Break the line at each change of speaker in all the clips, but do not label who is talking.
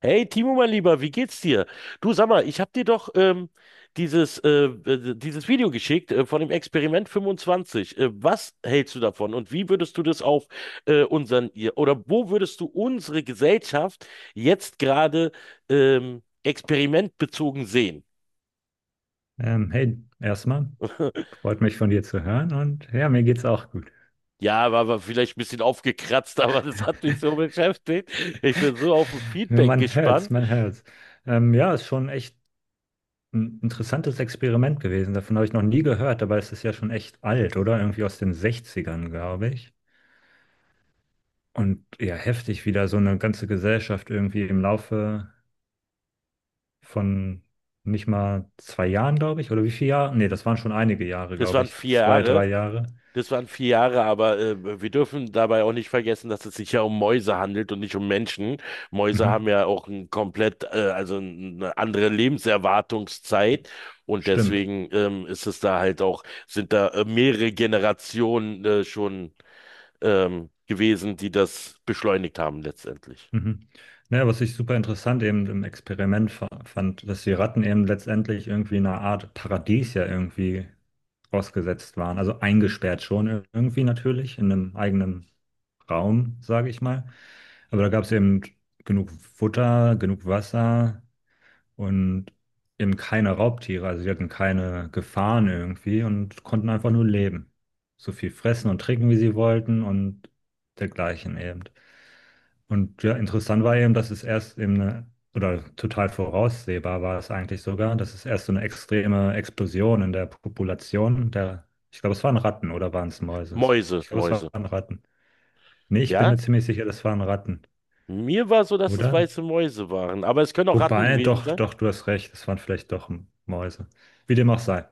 Hey Timo, mein Lieber, wie geht's dir? Du sag mal, ich hab dir doch dieses Video geschickt von dem Experiment 25. Was hältst du davon und wie würdest du das auf oder wo würdest du unsere Gesellschaft jetzt gerade experimentbezogen sehen?
Hey, erstmal freut mich von dir zu hören, und ja, mir geht's auch gut.
Ja, war vielleicht ein bisschen aufgekratzt, aber das hat mich so beschäftigt. Ich bin so auf ein Feedback
Man hört's,
gespannt.
man hört's. Ja, ist schon echt ein interessantes Experiment gewesen. Davon habe ich noch nie gehört, aber es ist ja schon echt alt, oder? Irgendwie aus den 60ern, glaube ich. Und ja, heftig, wie da so eine ganze Gesellschaft irgendwie im Laufe von nicht mal 2 Jahren, glaube ich, oder wie viele Jahre? Nee, das waren schon einige Jahre,
Das
glaube
waren
ich.
vier
Zwei,
Jahre.
drei Jahre.
Das waren vier Jahre, aber wir dürfen dabei auch nicht vergessen, dass es sich ja um Mäuse handelt und nicht um Menschen. Mäuse haben
Mhm.
ja auch ein also eine andere Lebenserwartungszeit, und
Stimmt.
deswegen ist es da halt auch, sind da mehrere Generationen schon gewesen, die das beschleunigt haben letztendlich.
Mhm. Ja, was ich super interessant eben im Experiment fand, dass die Ratten eben letztendlich irgendwie in einer Art Paradies ja irgendwie ausgesetzt waren. Also eingesperrt schon irgendwie natürlich in einem eigenen Raum, sage ich mal. Aber da gab es eben genug Futter, genug Wasser und eben keine Raubtiere. Also die hatten keine Gefahren irgendwie und konnten einfach nur leben. So viel fressen und trinken, wie sie wollten, und dergleichen eben. Und ja, interessant war eben, dass es erst eben eine, oder total voraussehbar war es eigentlich sogar, dass es erst so eine extreme Explosion in der Population der, ich glaube, es waren Ratten oder waren es Mäuse?
Mäuse,
Ich glaube, es
Mäuse.
waren Ratten. Nee, ich bin mir
Ja?
ziemlich sicher, das waren Ratten,
Mir war so, dass es
oder?
weiße Mäuse waren, aber es können auch Ratten
Wobei,
gewesen
doch,
sein.
doch, du hast recht, es waren vielleicht doch Mäuse. Wie dem auch sei.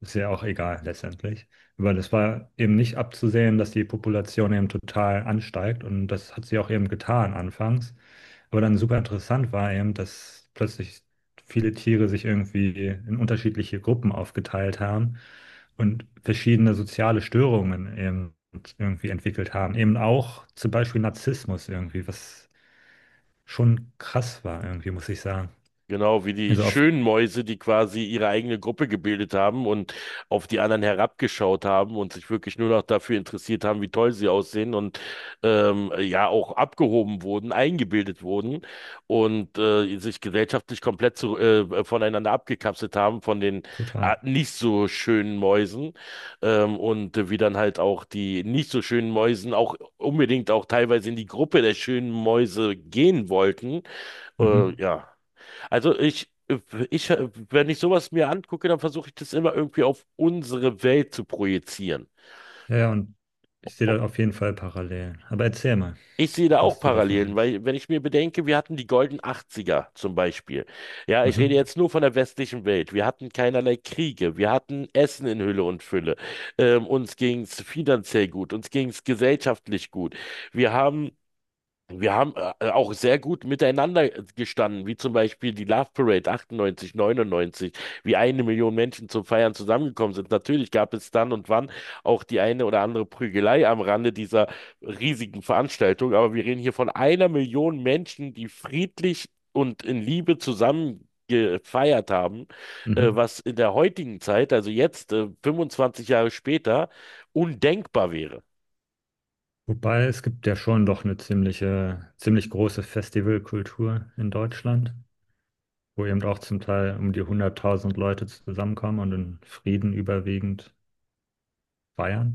Ist ja auch egal letztendlich. Aber das war eben nicht abzusehen, dass die Population eben total ansteigt, und das hat sie auch eben getan anfangs. Aber dann super interessant war eben, dass plötzlich viele Tiere sich irgendwie in unterschiedliche Gruppen aufgeteilt haben und verschiedene soziale Störungen eben irgendwie entwickelt haben. Eben auch zum Beispiel Narzissmus irgendwie, was schon krass war irgendwie, muss ich sagen.
Genau, wie die
Also auf
schönen Mäuse, die quasi ihre eigene Gruppe gebildet haben und auf die anderen herabgeschaut haben und sich wirklich nur noch dafür interessiert haben, wie toll sie aussehen, und ja auch abgehoben wurden, eingebildet wurden und sich gesellschaftlich voneinander abgekapselt haben von den
total.
nicht so schönen Mäusen, und wie dann halt auch die nicht so schönen Mäusen auch unbedingt auch teilweise in die Gruppe der schönen Mäuse gehen wollten. Äh,
Mhm.
ja. Also, wenn ich sowas mir angucke, dann versuche ich das immer irgendwie auf unsere Welt zu projizieren.
Ja, ja, und ich sehe da auf jeden Fall parallel. Aber erzähl mal,
Ich sehe da auch
was du davon
Parallelen,
hältst.
weil wenn ich mir bedenke, wir hatten die goldenen Achtziger zum Beispiel. Ja, ich rede
Mhm.
jetzt nur von der westlichen Welt. Wir hatten keinerlei Kriege, wir hatten Essen in Hülle und Fülle. Uns ging es finanziell gut, uns ging es gesellschaftlich gut. Wir haben Wir haben auch sehr gut miteinander gestanden, wie zum Beispiel die Love Parade 98, 99, wie eine Million Menschen zum Feiern zusammengekommen sind. Natürlich gab es dann und wann auch die eine oder andere Prügelei am Rande dieser riesigen Veranstaltung, aber wir reden hier von einer Million Menschen, die friedlich und in Liebe zusammen gefeiert haben,
Mhm.
was in der heutigen Zeit, also jetzt, 25 Jahre später, undenkbar wäre.
Wobei, es gibt ja schon doch eine ziemliche, ziemlich große Festivalkultur in Deutschland, wo eben auch zum Teil um die 100.000 Leute zusammenkommen und in Frieden überwiegend feiern.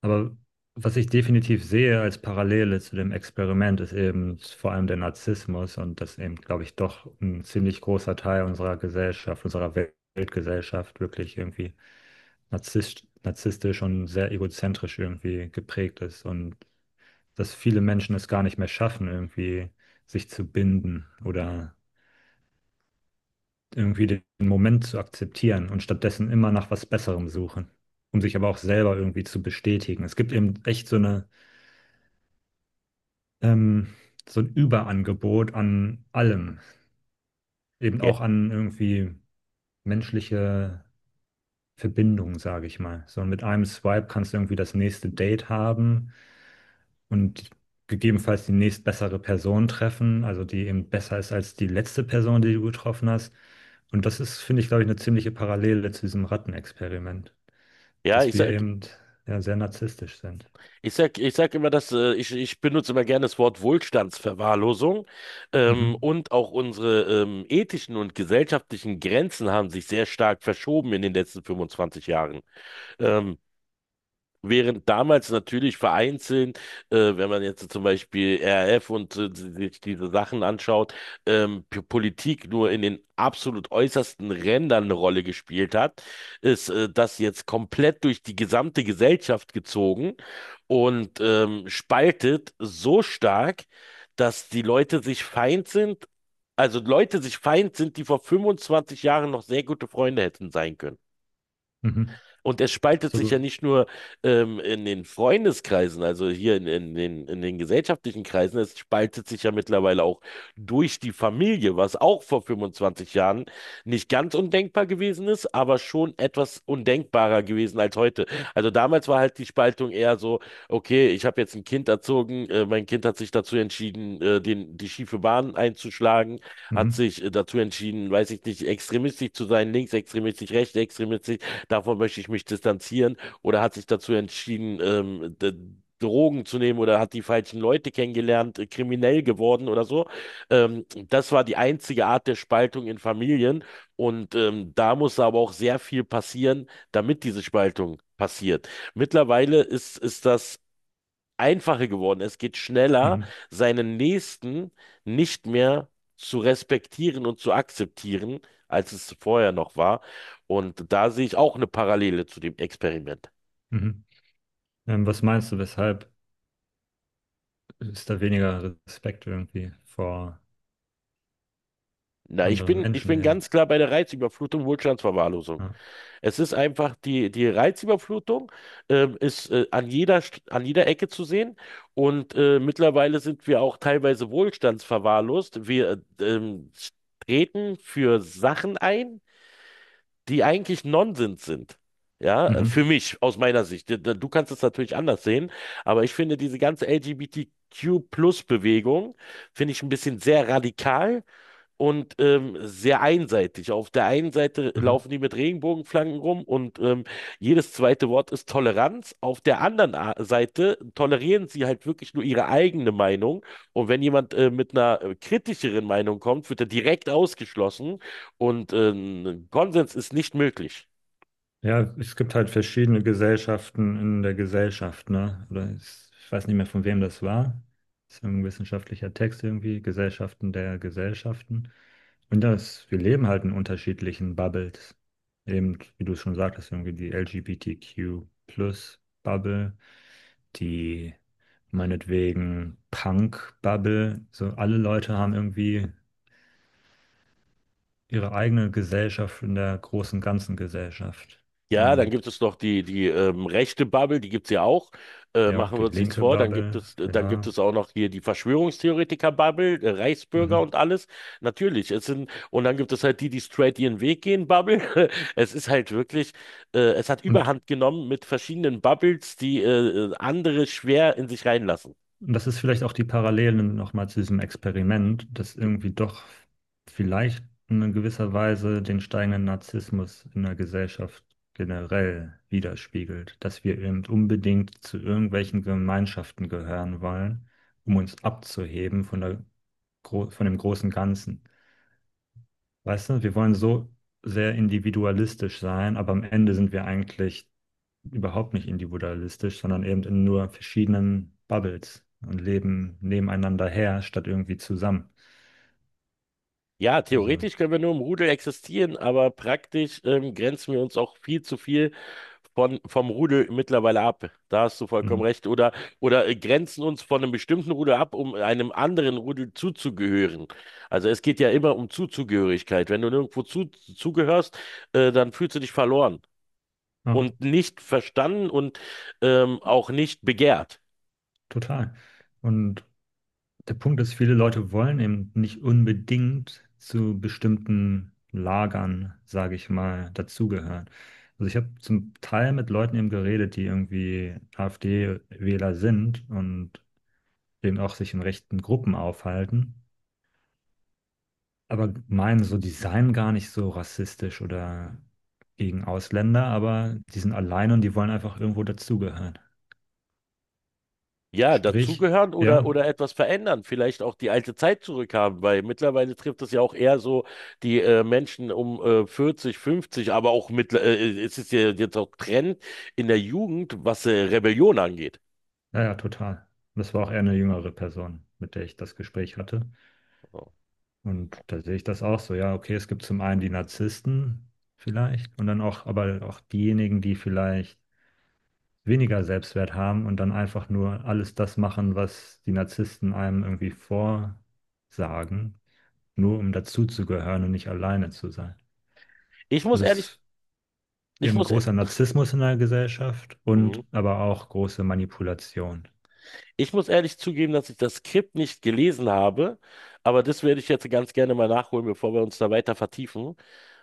Aber was ich definitiv sehe als Parallele zu dem Experiment, ist eben vor allem der Narzissmus, und das eben, glaube ich, doch ein ziemlich großer Teil unserer Gesellschaft, unserer Weltgesellschaft wirklich irgendwie narzisstisch und sehr egozentrisch irgendwie geprägt ist und dass viele Menschen es gar nicht mehr schaffen, irgendwie sich zu binden oder irgendwie den Moment zu akzeptieren und stattdessen immer nach was Besserem suchen, um sich aber auch selber irgendwie zu bestätigen. Es gibt eben echt so eine ähm, so ein Überangebot an allem, eben
Ja,
auch an irgendwie menschliche Verbindung, sage ich mal. So mit einem Swipe kannst du irgendwie das nächste Date haben und gegebenenfalls die nächstbessere Person treffen, also die eben besser ist als die letzte Person, die du getroffen hast. Und das ist, finde ich, glaube ich, eine ziemliche Parallele zu diesem Rattenexperiment,
ja,
dass
ich
wir
sag,
eben ja, sehr narzisstisch sind.
Ich sag, ich sag immer, dass ich benutze immer gerne das Wort Wohlstandsverwahrlosung.
Mhm.
Und auch unsere ethischen und gesellschaftlichen Grenzen haben sich sehr stark verschoben in den letzten 25 Jahren. Ähm, Während damals natürlich vereinzelt, wenn man jetzt zum Beispiel RAF und sich diese Sachen anschaut, Politik nur in den absolut äußersten Rändern eine Rolle gespielt hat, ist das jetzt komplett durch die gesamte Gesellschaft gezogen und spaltet so stark, dass die Leute sich feind sind, also Leute sich feind sind, die vor 25 Jahren noch sehr gute Freunde hätten sein können.
Mhm.
Und er spaltet sich ja
Absolut.
nicht nur in den Freundeskreisen, also hier in den gesellschaftlichen Kreisen, es spaltet sich ja mittlerweile auch durch die Familie, was auch vor 25 Jahren nicht ganz undenkbar gewesen ist, aber schon etwas undenkbarer gewesen als heute. Also damals war halt die Spaltung eher so: Okay, ich habe jetzt ein Kind erzogen, mein Kind hat sich dazu entschieden, die schiefe Bahn einzuschlagen, hat
Mhm.
sich dazu entschieden, weiß ich nicht, extremistisch zu sein, linksextremistisch, rechtsextremistisch, davon möchte ich mich distanzieren, oder hat sich dazu entschieden, Drogen zu nehmen oder hat die falschen Leute kennengelernt, kriminell geworden oder so. Das war die einzige Art der Spaltung in Familien, und da muss aber auch sehr viel passieren, damit diese Spaltung passiert. Mittlerweile ist das einfacher geworden. Es geht schneller,
Mhm.
seinen Nächsten nicht mehr zu respektieren und zu akzeptieren, als es vorher noch war. Und da sehe ich auch eine Parallele zu dem Experiment.
Mhm. Was meinst du, weshalb ist da weniger Respekt irgendwie vor
Na,
anderen
ich
Menschen
bin
eben.
ganz klar bei der Reizüberflutung, Wohlstandsverwahrlosung.
Ja.
Es ist einfach, die Reizüberflutung ist an jeder Ecke zu sehen. Und mittlerweile sind wir auch teilweise wohlstandsverwahrlost. Wir treten für Sachen ein, die eigentlich Nonsens sind. Ja, für
Mhm.
mich, aus meiner Sicht. Du kannst es natürlich anders sehen, aber ich finde diese ganze LGBTQ-Plus-Bewegung, finde ich ein bisschen sehr radikal und sehr einseitig. Auf der einen Seite
Mhm.
laufen die mit Regenbogenflaggen rum und jedes zweite Wort ist Toleranz. Auf der Seite tolerieren sie halt wirklich nur ihre eigene Meinung. Und wenn jemand mit einer kritischeren Meinung kommt, wird er direkt ausgeschlossen, und Konsens ist nicht möglich.
Ja, es gibt halt verschiedene Gesellschaften in der Gesellschaft, ne? Oder ich weiß nicht mehr, von wem das war. Das ist ein wissenschaftlicher Text irgendwie, Gesellschaften der Gesellschaften. Und das, wir leben halt in unterschiedlichen Bubbles. Eben, wie du es schon sagtest, irgendwie die LGBTQ-Plus-Bubble, die meinetwegen Punk-Bubble. So alle Leute haben irgendwie ihre eigene Gesellschaft in der großen ganzen Gesellschaft.
Ja, dann
Und
gibt es noch die rechte Bubble, die gibt's ja auch.
ja,
Machen
die
wir uns nichts
linke
vor.
Bubble,
Dann gibt
genau.
es auch noch hier die Verschwörungstheoretiker-Bubble, Reichsbürger
Mhm.
und alles. Natürlich. Und dann gibt es halt die, die straight ihren Weg gehen, Bubble. Es ist halt wirklich, es hat
Und,
Überhand genommen mit verschiedenen Bubbles, die andere schwer in sich reinlassen.
und das ist vielleicht auch die Parallelen nochmal zu diesem Experiment, dass irgendwie doch vielleicht in gewisser Weise den steigenden Narzissmus in der Gesellschaft generell widerspiegelt, dass wir eben unbedingt zu irgendwelchen Gemeinschaften gehören wollen, um uns abzuheben von der, von dem großen Ganzen. Weißt du, wir wollen so sehr individualistisch sein, aber am Ende sind wir eigentlich überhaupt nicht individualistisch, sondern eben in nur verschiedenen Bubbles und leben nebeneinander her, statt irgendwie zusammen.
Ja,
Also,
theoretisch können wir nur im Rudel existieren, aber praktisch grenzen wir uns auch viel zu viel vom Rudel mittlerweile ab. Da hast du vollkommen
mhm.
recht. Oder grenzen uns von einem bestimmten Rudel ab, um einem anderen Rudel zuzugehören. Also es geht ja immer um Zuzugehörigkeit. Wenn du nirgendwo zugehörst, dann fühlst du dich verloren
Ja,
und nicht verstanden und auch nicht begehrt.
total. Und der Punkt ist, viele Leute wollen eben nicht unbedingt zu bestimmten Lagern, sage ich mal, dazugehören. Also ich habe zum Teil mit Leuten eben geredet, die irgendwie AfD-Wähler sind und dem auch sich in rechten Gruppen aufhalten, aber meinen so, die seien gar nicht so rassistisch oder gegen Ausländer, aber die sind alleine und die wollen einfach irgendwo dazugehören.
Ja,
Sprich,
dazugehören
ja,
oder etwas verändern, vielleicht auch die alte Zeit zurückhaben, weil mittlerweile trifft es ja auch eher so die Menschen um 40, 50, aber auch es ist ja jetzt auch Trend in der Jugend, was Rebellion angeht.
ja, ja, total. Das war auch eher eine jüngere Person, mit der ich das Gespräch hatte.
So.
Und da sehe ich das auch so, ja, okay, es gibt zum einen die Narzissten vielleicht und dann auch, aber auch diejenigen, die vielleicht weniger Selbstwert haben und dann einfach nur alles das machen, was die Narzissten einem irgendwie vorsagen, nur um dazuzugehören und nicht alleine zu sein.
Ich muss
Das
ehrlich,
ist
ich
eben
muss, e-
großer Narzissmus in der Gesellschaft und
Mhm.
aber auch große Manipulation.
Ich muss ehrlich zugeben, dass ich das Skript nicht gelesen habe, aber das werde ich jetzt ganz gerne mal nachholen, bevor wir uns da weiter vertiefen.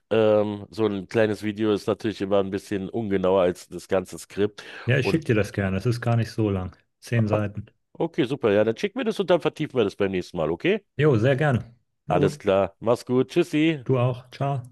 So ein kleines Video ist natürlich immer ein bisschen ungenauer als das ganze Skript.
Ja, ich
und
schicke dir das gerne. Es ist gar nicht so lang. 10 Seiten.
Okay, super. Ja, dann schick mir das und dann vertiefen wir das beim nächsten Mal, okay?
Jo, sehr gerne. Na
Alles
gut,
klar. Mach's gut. Tschüssi.
du auch. Ciao.